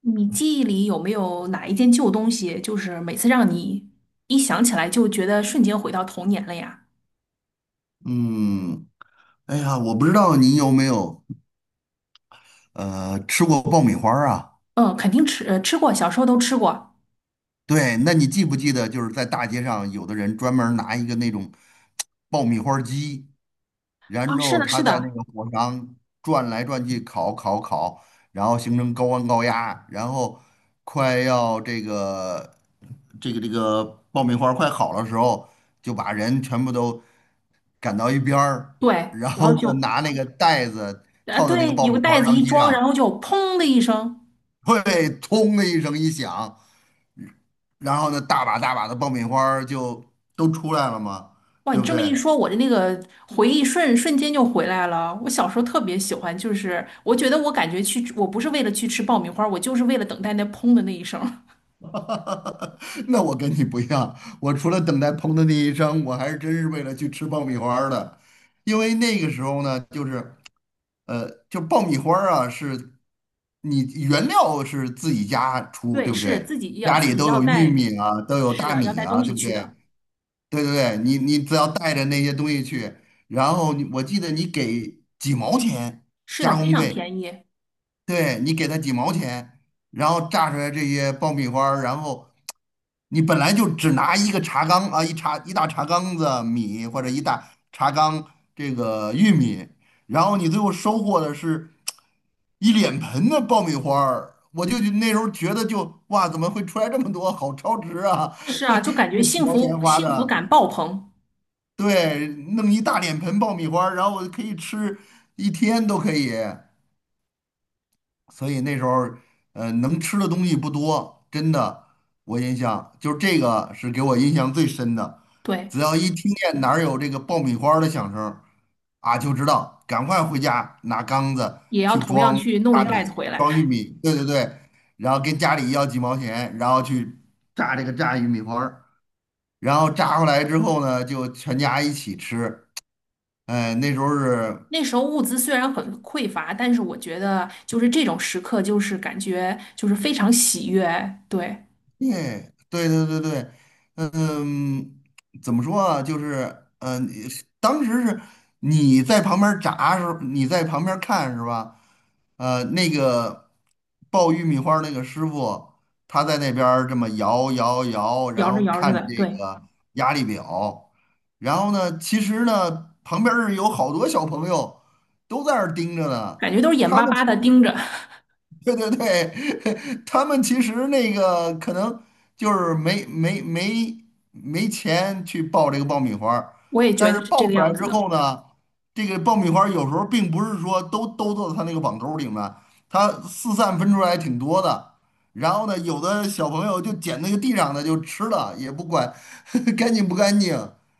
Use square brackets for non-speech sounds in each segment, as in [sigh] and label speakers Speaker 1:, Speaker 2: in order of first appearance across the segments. Speaker 1: 你记忆里有没有哪一件旧东西，就是每次让你一想起来就觉得瞬间回到童年了呀？
Speaker 2: 嗯，哎呀，我不知道你有没有吃过爆米花儿啊？
Speaker 1: 嗯，肯定吃，吃过，小时候都吃过。
Speaker 2: 对，那你记不记得，就是在大街上，有的人专门儿拿一个那种爆米花儿机，然
Speaker 1: 啊，是
Speaker 2: 后
Speaker 1: 的，是
Speaker 2: 他在那
Speaker 1: 的。
Speaker 2: 个火上转来转去烤烤烤，然后形成高温高压，然后快要这个爆米花儿快好的时候，就把人全部都赶到一边儿，
Speaker 1: 对，
Speaker 2: 然
Speaker 1: 然
Speaker 2: 后
Speaker 1: 后
Speaker 2: 呢
Speaker 1: 就，
Speaker 2: 拿那个袋子
Speaker 1: 啊，
Speaker 2: 套到那个
Speaker 1: 对，
Speaker 2: 爆
Speaker 1: 有个
Speaker 2: 米花儿
Speaker 1: 袋子
Speaker 2: 瓤
Speaker 1: 一
Speaker 2: 机
Speaker 1: 装，
Speaker 2: 上。
Speaker 1: 然后就砰的一声。
Speaker 2: 对，砰的一声一响，然后呢，大把大把的爆米花儿就都出来了嘛，
Speaker 1: 哇，
Speaker 2: 对
Speaker 1: 你
Speaker 2: 不
Speaker 1: 这么一
Speaker 2: 对？
Speaker 1: 说，我的那个回忆瞬间就回来了。我小时候特别喜欢，就是我觉得我感觉去，我不是为了去吃爆米花，我就是为了等待那砰的那一声。
Speaker 2: [laughs] 那我跟你不一样，我除了等待砰的那一声，我还是真是为了去吃爆米花儿的，因为那个时候呢，就是就爆米花儿啊，是你原料是自己家
Speaker 1: [laughs]
Speaker 2: 出，
Speaker 1: 对，
Speaker 2: 对不
Speaker 1: 是
Speaker 2: 对？
Speaker 1: 自己要
Speaker 2: 家
Speaker 1: 自
Speaker 2: 里
Speaker 1: 己
Speaker 2: 都
Speaker 1: 要
Speaker 2: 有玉
Speaker 1: 带，
Speaker 2: 米啊，都有
Speaker 1: 是
Speaker 2: 大
Speaker 1: 的，要
Speaker 2: 米
Speaker 1: 带东
Speaker 2: 啊，对
Speaker 1: 西
Speaker 2: 不
Speaker 1: 去
Speaker 2: 对？
Speaker 1: 的。
Speaker 2: 对对对，你只要带着那些东西去，然后你我记得你给几毛钱
Speaker 1: 是的，
Speaker 2: 加
Speaker 1: 非
Speaker 2: 工
Speaker 1: 常
Speaker 2: 费，
Speaker 1: 便宜。
Speaker 2: 对你给他几毛钱，然后榨出来这些爆米花儿，然后你本来就只拿一个茶缸啊，一大茶缸子米或者一大茶缸这个玉米，然后你最后收获的是一脸盆的爆米花儿，我就那时候觉得就哇，怎么会出来这么多，好超值啊！
Speaker 1: 是
Speaker 2: [laughs]
Speaker 1: 啊，就感觉
Speaker 2: 这几
Speaker 1: 幸
Speaker 2: 毛
Speaker 1: 福
Speaker 2: 钱花
Speaker 1: 幸福
Speaker 2: 的。
Speaker 1: 感爆棚。
Speaker 2: 对，弄一大脸盆爆米花儿然后我可以吃一天都可以。所以那时候能吃的东西不多，真的，我印象就是这个是给我印象最深的。
Speaker 1: 对，
Speaker 2: 只要一听见哪儿有这个爆米花儿的响声儿啊，就知道赶快回家拿缸子
Speaker 1: 也要
Speaker 2: 去
Speaker 1: 同样
Speaker 2: 装
Speaker 1: 去弄一
Speaker 2: 大米、
Speaker 1: 袋子回来。
Speaker 2: 装玉米，对对对，然后跟家里要几毛钱，然后去炸这个炸玉米花儿，然后炸回来之后呢，就全家一起吃。哎，那时候是，
Speaker 1: 那时候物资虽然很匮乏，但是我觉得就是这种时刻，就是感觉就是非常喜悦。对，
Speaker 2: 对，对对对对，嗯，怎么说啊？就是，嗯，当时是你在旁边儿炸时候，你在旁边儿看是吧？那个爆玉米花儿那个师傅，他在那边儿这么摇摇摇，然
Speaker 1: 摇着
Speaker 2: 后
Speaker 1: 摇着
Speaker 2: 看着
Speaker 1: 的，
Speaker 2: 这
Speaker 1: 对，
Speaker 2: 个压力表，然后呢，其实呢，旁边是有好多小朋友都在那儿盯着呢，
Speaker 1: 感觉都是眼
Speaker 2: 他
Speaker 1: 巴
Speaker 2: 们
Speaker 1: 巴
Speaker 2: 其
Speaker 1: 的盯
Speaker 2: 实。
Speaker 1: 着。
Speaker 2: 对对对，[laughs] 他们其实那个可能就是没钱去爆这个爆米花儿，
Speaker 1: 我也觉
Speaker 2: 但
Speaker 1: 得
Speaker 2: 是
Speaker 1: 是这
Speaker 2: 爆
Speaker 1: 个
Speaker 2: 出来
Speaker 1: 样
Speaker 2: 之
Speaker 1: 子的。
Speaker 2: 后呢，这个爆米花儿有时候并不是说都到他那个网兜儿里面，它四散分出来挺多的。然后呢，有的小朋友就捡那个地上的就吃了，也不管 [laughs] 干净不干净，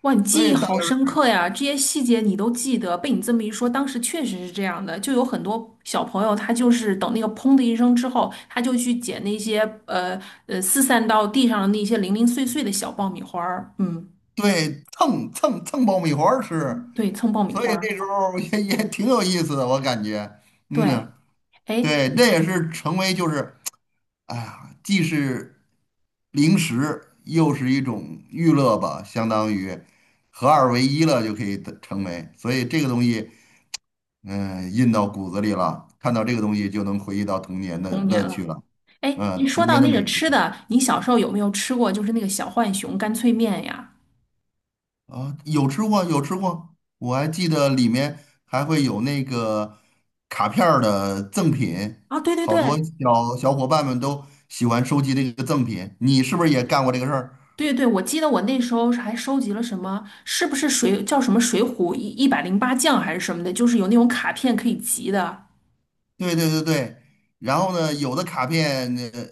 Speaker 1: 哇，你
Speaker 2: 所
Speaker 1: 记忆
Speaker 2: 以大家
Speaker 1: 好深刻呀！这些细节你都记得，被你这么一说，当时确实是这样的。就有很多小朋友，他就是等那个砰的一声之后，他就去捡那些呃四散到地上的那些零零碎碎的小爆米花儿。嗯，
Speaker 2: 对蹭蹭蹭爆米花儿吃。
Speaker 1: 对，蹭爆米
Speaker 2: 所
Speaker 1: 花
Speaker 2: 以
Speaker 1: 儿。
Speaker 2: 那时候 [laughs] 也挺有意思的，我感觉，
Speaker 1: 对，
Speaker 2: 嗯，
Speaker 1: 哎，
Speaker 2: 对，这也是成为就是，哎呀，既是零食，又是一种娱乐吧，相当于合二为一了，就可以得成为。所以这个东西，嗯，印到骨子里了，看到这个东西就能回忆到童年的
Speaker 1: 童
Speaker 2: 乐
Speaker 1: 年
Speaker 2: 趣
Speaker 1: 了。
Speaker 2: 了，
Speaker 1: 哎，
Speaker 2: 嗯，
Speaker 1: 说
Speaker 2: 童
Speaker 1: 到
Speaker 2: 年的
Speaker 1: 那个
Speaker 2: 美食。
Speaker 1: 吃的，你小时候有没有吃过就是那个小浣熊干脆面呀？
Speaker 2: 啊，有吃过，有吃过，我还记得里面还会有那个卡片儿的赠品，
Speaker 1: 啊，对对
Speaker 2: 好多
Speaker 1: 对，
Speaker 2: 小伙伴们都喜欢收集这个赠品。你是不是也干过这个事儿？
Speaker 1: 对对，我记得我那时候还收集了什么，是不是叫什么《水浒一百零八将》还是什么的，就是有那种卡片可以集的。
Speaker 2: 对对对对。然后呢，有的卡片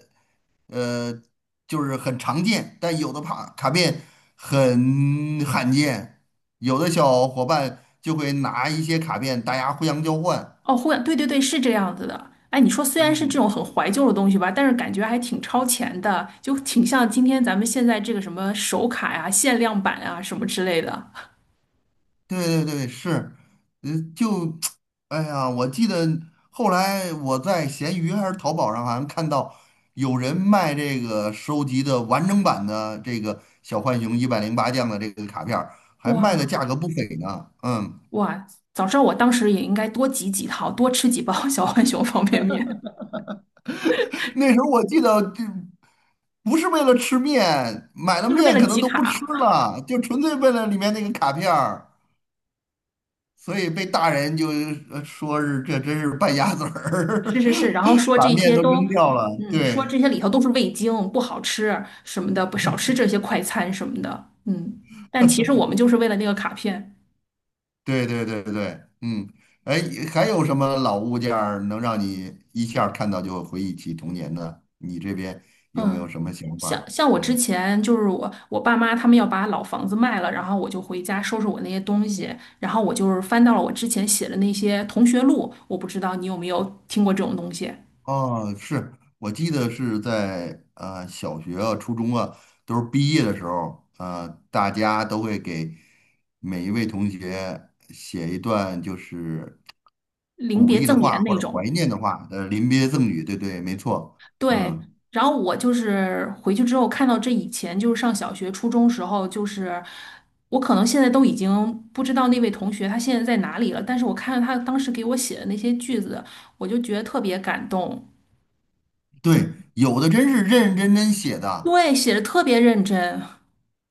Speaker 2: 呃就是很常见，但有的卡片很罕见，有的小伙伴就会拿一些卡片，大家互相交换。
Speaker 1: 哦，会，对对对，是这样子的。哎，你说虽然是这种
Speaker 2: 嗯
Speaker 1: 很怀旧的东西吧，但是感觉还挺超前的，就挺像今天咱们现在这个什么手卡呀、限量版啊什么之类的。
Speaker 2: 对对对，是，就，[tsk] 哎呀，我记得后来我在闲鱼还是淘宝上，好像看到有人卖这个收集的完整版的这个小浣熊一百零八将的这个卡片儿还卖的
Speaker 1: 哇
Speaker 2: 价格不菲呢。嗯，
Speaker 1: 哇，早知道我当时也应该多集几套，多吃几包 [laughs] 小浣熊方便面，
Speaker 2: [laughs] 那时候我记得就不是为了吃面，买了
Speaker 1: 就是为
Speaker 2: 面
Speaker 1: 了
Speaker 2: 可能
Speaker 1: 集
Speaker 2: 都不吃
Speaker 1: 卡。
Speaker 2: 了，就纯粹为了里面那个卡片儿所以被大人就说是这真是败家子
Speaker 1: 是
Speaker 2: 儿，
Speaker 1: 是是，然后
Speaker 2: [laughs]
Speaker 1: 说
Speaker 2: 把
Speaker 1: 这
Speaker 2: 面
Speaker 1: 些
Speaker 2: 都
Speaker 1: 都，
Speaker 2: 扔掉了。
Speaker 1: 嗯，嗯说
Speaker 2: 对
Speaker 1: 这些里头都是味精，不好吃什么的，不少吃这些快餐什么的，嗯。但其实我们就是为了那个卡片，
Speaker 2: 对对对对，嗯，哎，还有什么老物件儿能让你一下儿看到就回忆起童年的？你这边有没
Speaker 1: 嗯。
Speaker 2: 有什么想法
Speaker 1: 像
Speaker 2: 儿
Speaker 1: 像我之
Speaker 2: 嗯，
Speaker 1: 前就是我爸妈他们要把老房子卖了，然后我就回家收拾我那些东西，然后我就是翻到了我之前写的那些同学录，我不知道你有没有听过这种东西，
Speaker 2: 哦，是我记得是在小学啊、初中啊，都是毕业的时候，大家都会给每一位同学写一段就是。
Speaker 1: 临
Speaker 2: 鼓
Speaker 1: 别
Speaker 2: 励的
Speaker 1: 赠
Speaker 2: 话
Speaker 1: 言
Speaker 2: 或
Speaker 1: 那
Speaker 2: 者怀
Speaker 1: 种。
Speaker 2: 念的话，临别赠语，对对，没错，
Speaker 1: 对，
Speaker 2: 嗯，
Speaker 1: 然后我就是回去之后看到这以前就是上小学、初中时候，就是我可能现在都已经不知道那位同学他现在在哪里了，但是我看到他当时给我写的那些句子，我就觉得特别感动。
Speaker 2: 对，有的真是认认真真写的，
Speaker 1: 对，写的特别认真。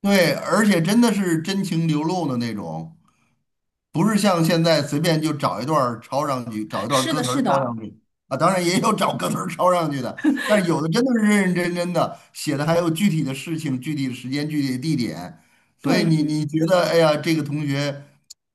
Speaker 2: 对，而且真的是真情流露的那种，不是像现在随便就找一段儿抄上去，找一段儿
Speaker 1: 是
Speaker 2: 歌
Speaker 1: 的，
Speaker 2: 词儿
Speaker 1: 是
Speaker 2: 抄
Speaker 1: 的，
Speaker 2: 上去啊，当然也有找歌词儿抄上去的，但是有的真的是认认真真的写的，还有具体的事情、具体的时间、具体的地点，所以你
Speaker 1: 对，
Speaker 2: 你觉得，哎呀，这个同学，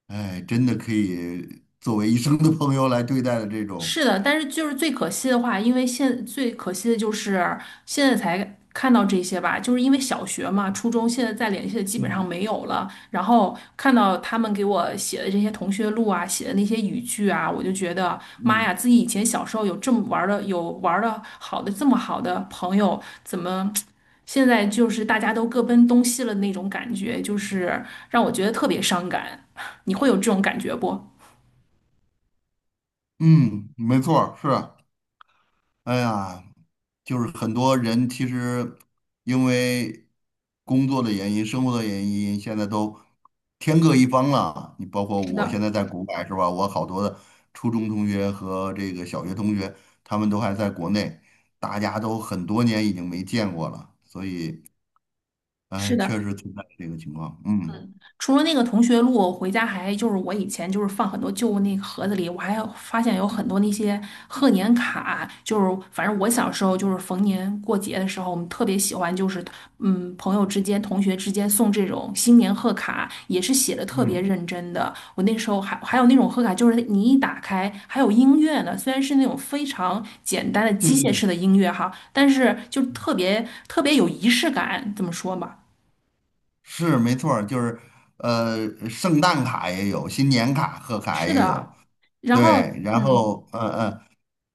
Speaker 2: 哎，真的可以作为一生的朋友来对待的这种。
Speaker 1: 是的，但是就是最可惜的话，因为现最可惜的就是现在才看到这些吧，就是因为小学嘛、初中现在再联系的基本上
Speaker 2: 嗯，
Speaker 1: 没有了。然后看到他们给我写的这些同学录啊，写的那些语句啊，我就觉得妈呀，
Speaker 2: 嗯
Speaker 1: 自己以前小时候有这么玩的，有玩的好的这么好的朋友，怎么现在就是大家都各奔东西了那种感觉，就是让我觉得特别伤感。[laughs] 你会有这种感觉不？
Speaker 2: 嗯，没错儿，是，哎呀，就是很多人其实因为工作的原因、生活的原因，现在都天各一方了。你包括
Speaker 1: 是
Speaker 2: 我现
Speaker 1: 的，
Speaker 2: 在在国外是吧？我好多的初中同学和这个小学同学，他们都还在国内，大家都很多年已经没见过了，所以
Speaker 1: 是
Speaker 2: 确
Speaker 1: 的。
Speaker 2: 实存在这个情况。嗯
Speaker 1: 嗯除了那个同学录，我回家还就是我以前就是放很多旧那个盒子里，我还有发现有很多那些贺年卡，就是反正我小时候就是逢年过节的时候，我们特别喜欢就是嗯朋友之间、同学之间送这种新年贺卡，也是写的特别
Speaker 2: 嗯，
Speaker 1: 认真的。我那时候还有那种贺卡，就是你一打开还有音乐呢，虽然是那种非常简单的
Speaker 2: 对
Speaker 1: 机
Speaker 2: 对
Speaker 1: 械式
Speaker 2: 对。
Speaker 1: 的音乐哈，但是就特别特别有仪式感，这么说吧。
Speaker 2: 是没错儿，就是圣诞卡也有，新年卡、贺卡
Speaker 1: 是
Speaker 2: 也有，
Speaker 1: 的，然后
Speaker 2: 对，然
Speaker 1: 嗯，
Speaker 2: 后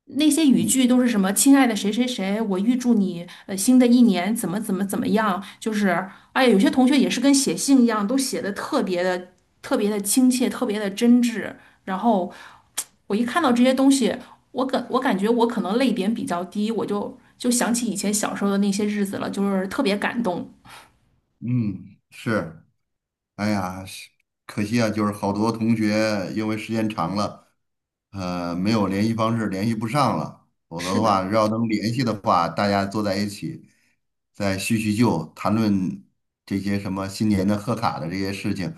Speaker 1: 那些语
Speaker 2: 嗯
Speaker 1: 句都是什么“亲爱的谁谁谁”，我预祝你新的一年怎么怎么怎么样，就是哎呀，有些同学也是跟写信一样，都写的特别的特别的亲切，特别的真挚。然后我一看到这些东西，我感觉我可能泪点比较低，我就想起以前小时候的那些日子了，就是特别感动。
Speaker 2: 嗯，是，哎呀，是可惜啊，就是好多同学因为时间长了，没有联系方式，联系不上了，否则
Speaker 1: 是
Speaker 2: 的话，
Speaker 1: 的，
Speaker 2: 要能联系的话，大家坐在一起再叙叙旧，谈论这些什么新年的贺卡的这些事情，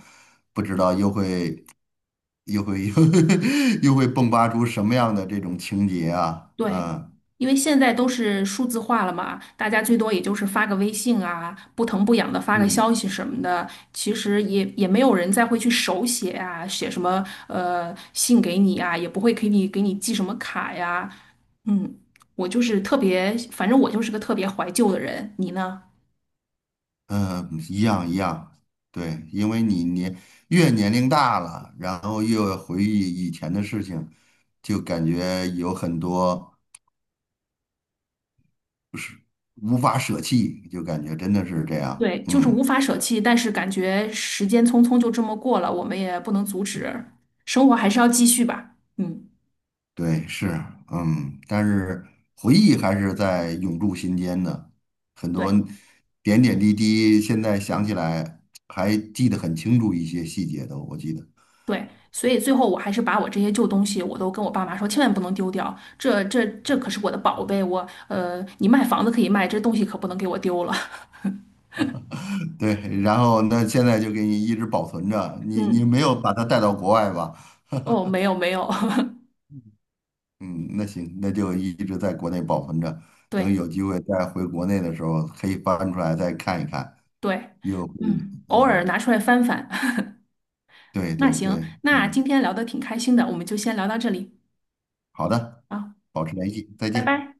Speaker 2: 又会 [laughs] 又会迸发出什么样的这种情节啊，
Speaker 1: 对，
Speaker 2: 啊？
Speaker 1: 因为现在都是数字化了嘛，大家最多也就是发个微信啊，不疼不痒的发个
Speaker 2: 嗯，
Speaker 1: 消息什么的，其实也没有人再会去手写啊，写什么信给你啊，也不会给你寄什么卡呀。嗯，我就是特别，反正我就是个特别怀旧的人，你呢？
Speaker 2: 嗯，一样一样，对，因为越年龄大了，然后越回忆以前的事情，就感觉有很多无法舍弃，就感觉真的是这样。
Speaker 1: 对，就是
Speaker 2: 嗯，
Speaker 1: 无法舍弃，但是感觉时间匆匆就这么过了，我们也不能阻止，生活还是要继续吧。嗯，
Speaker 2: 对，是，嗯，但是回忆还是在永驻心间的，很多
Speaker 1: 对。
Speaker 2: 点点滴滴，现在想起来还记得很清楚一些细节的，我记得。
Speaker 1: 对，所以最后我还是把我这些旧东西，我都跟我爸妈说，千万不能丢掉，这可是我的宝贝，我，你卖房子可以卖，这东西可不能给我丢了。[laughs]
Speaker 2: 对，然后那现在就给你一直保存着，你
Speaker 1: 嗯，
Speaker 2: 没有把它带到国外吧？
Speaker 1: 哦，没有没有，
Speaker 2: 嗯，那行，那就一直在国内保存着，
Speaker 1: [laughs]
Speaker 2: 等
Speaker 1: 对
Speaker 2: 有机会再回国内的时候，可以翻出来再看一看，
Speaker 1: 对，
Speaker 2: 又会，
Speaker 1: 嗯，偶尔
Speaker 2: 嗯，
Speaker 1: 拿出来翻翻。[laughs]
Speaker 2: 对
Speaker 1: 那
Speaker 2: 对对，
Speaker 1: 行，那今
Speaker 2: 嗯，
Speaker 1: 天聊的挺开心的，我们就先聊到这里
Speaker 2: 好的，
Speaker 1: 啊，
Speaker 2: 保持联系，再
Speaker 1: 拜
Speaker 2: 见。
Speaker 1: 拜。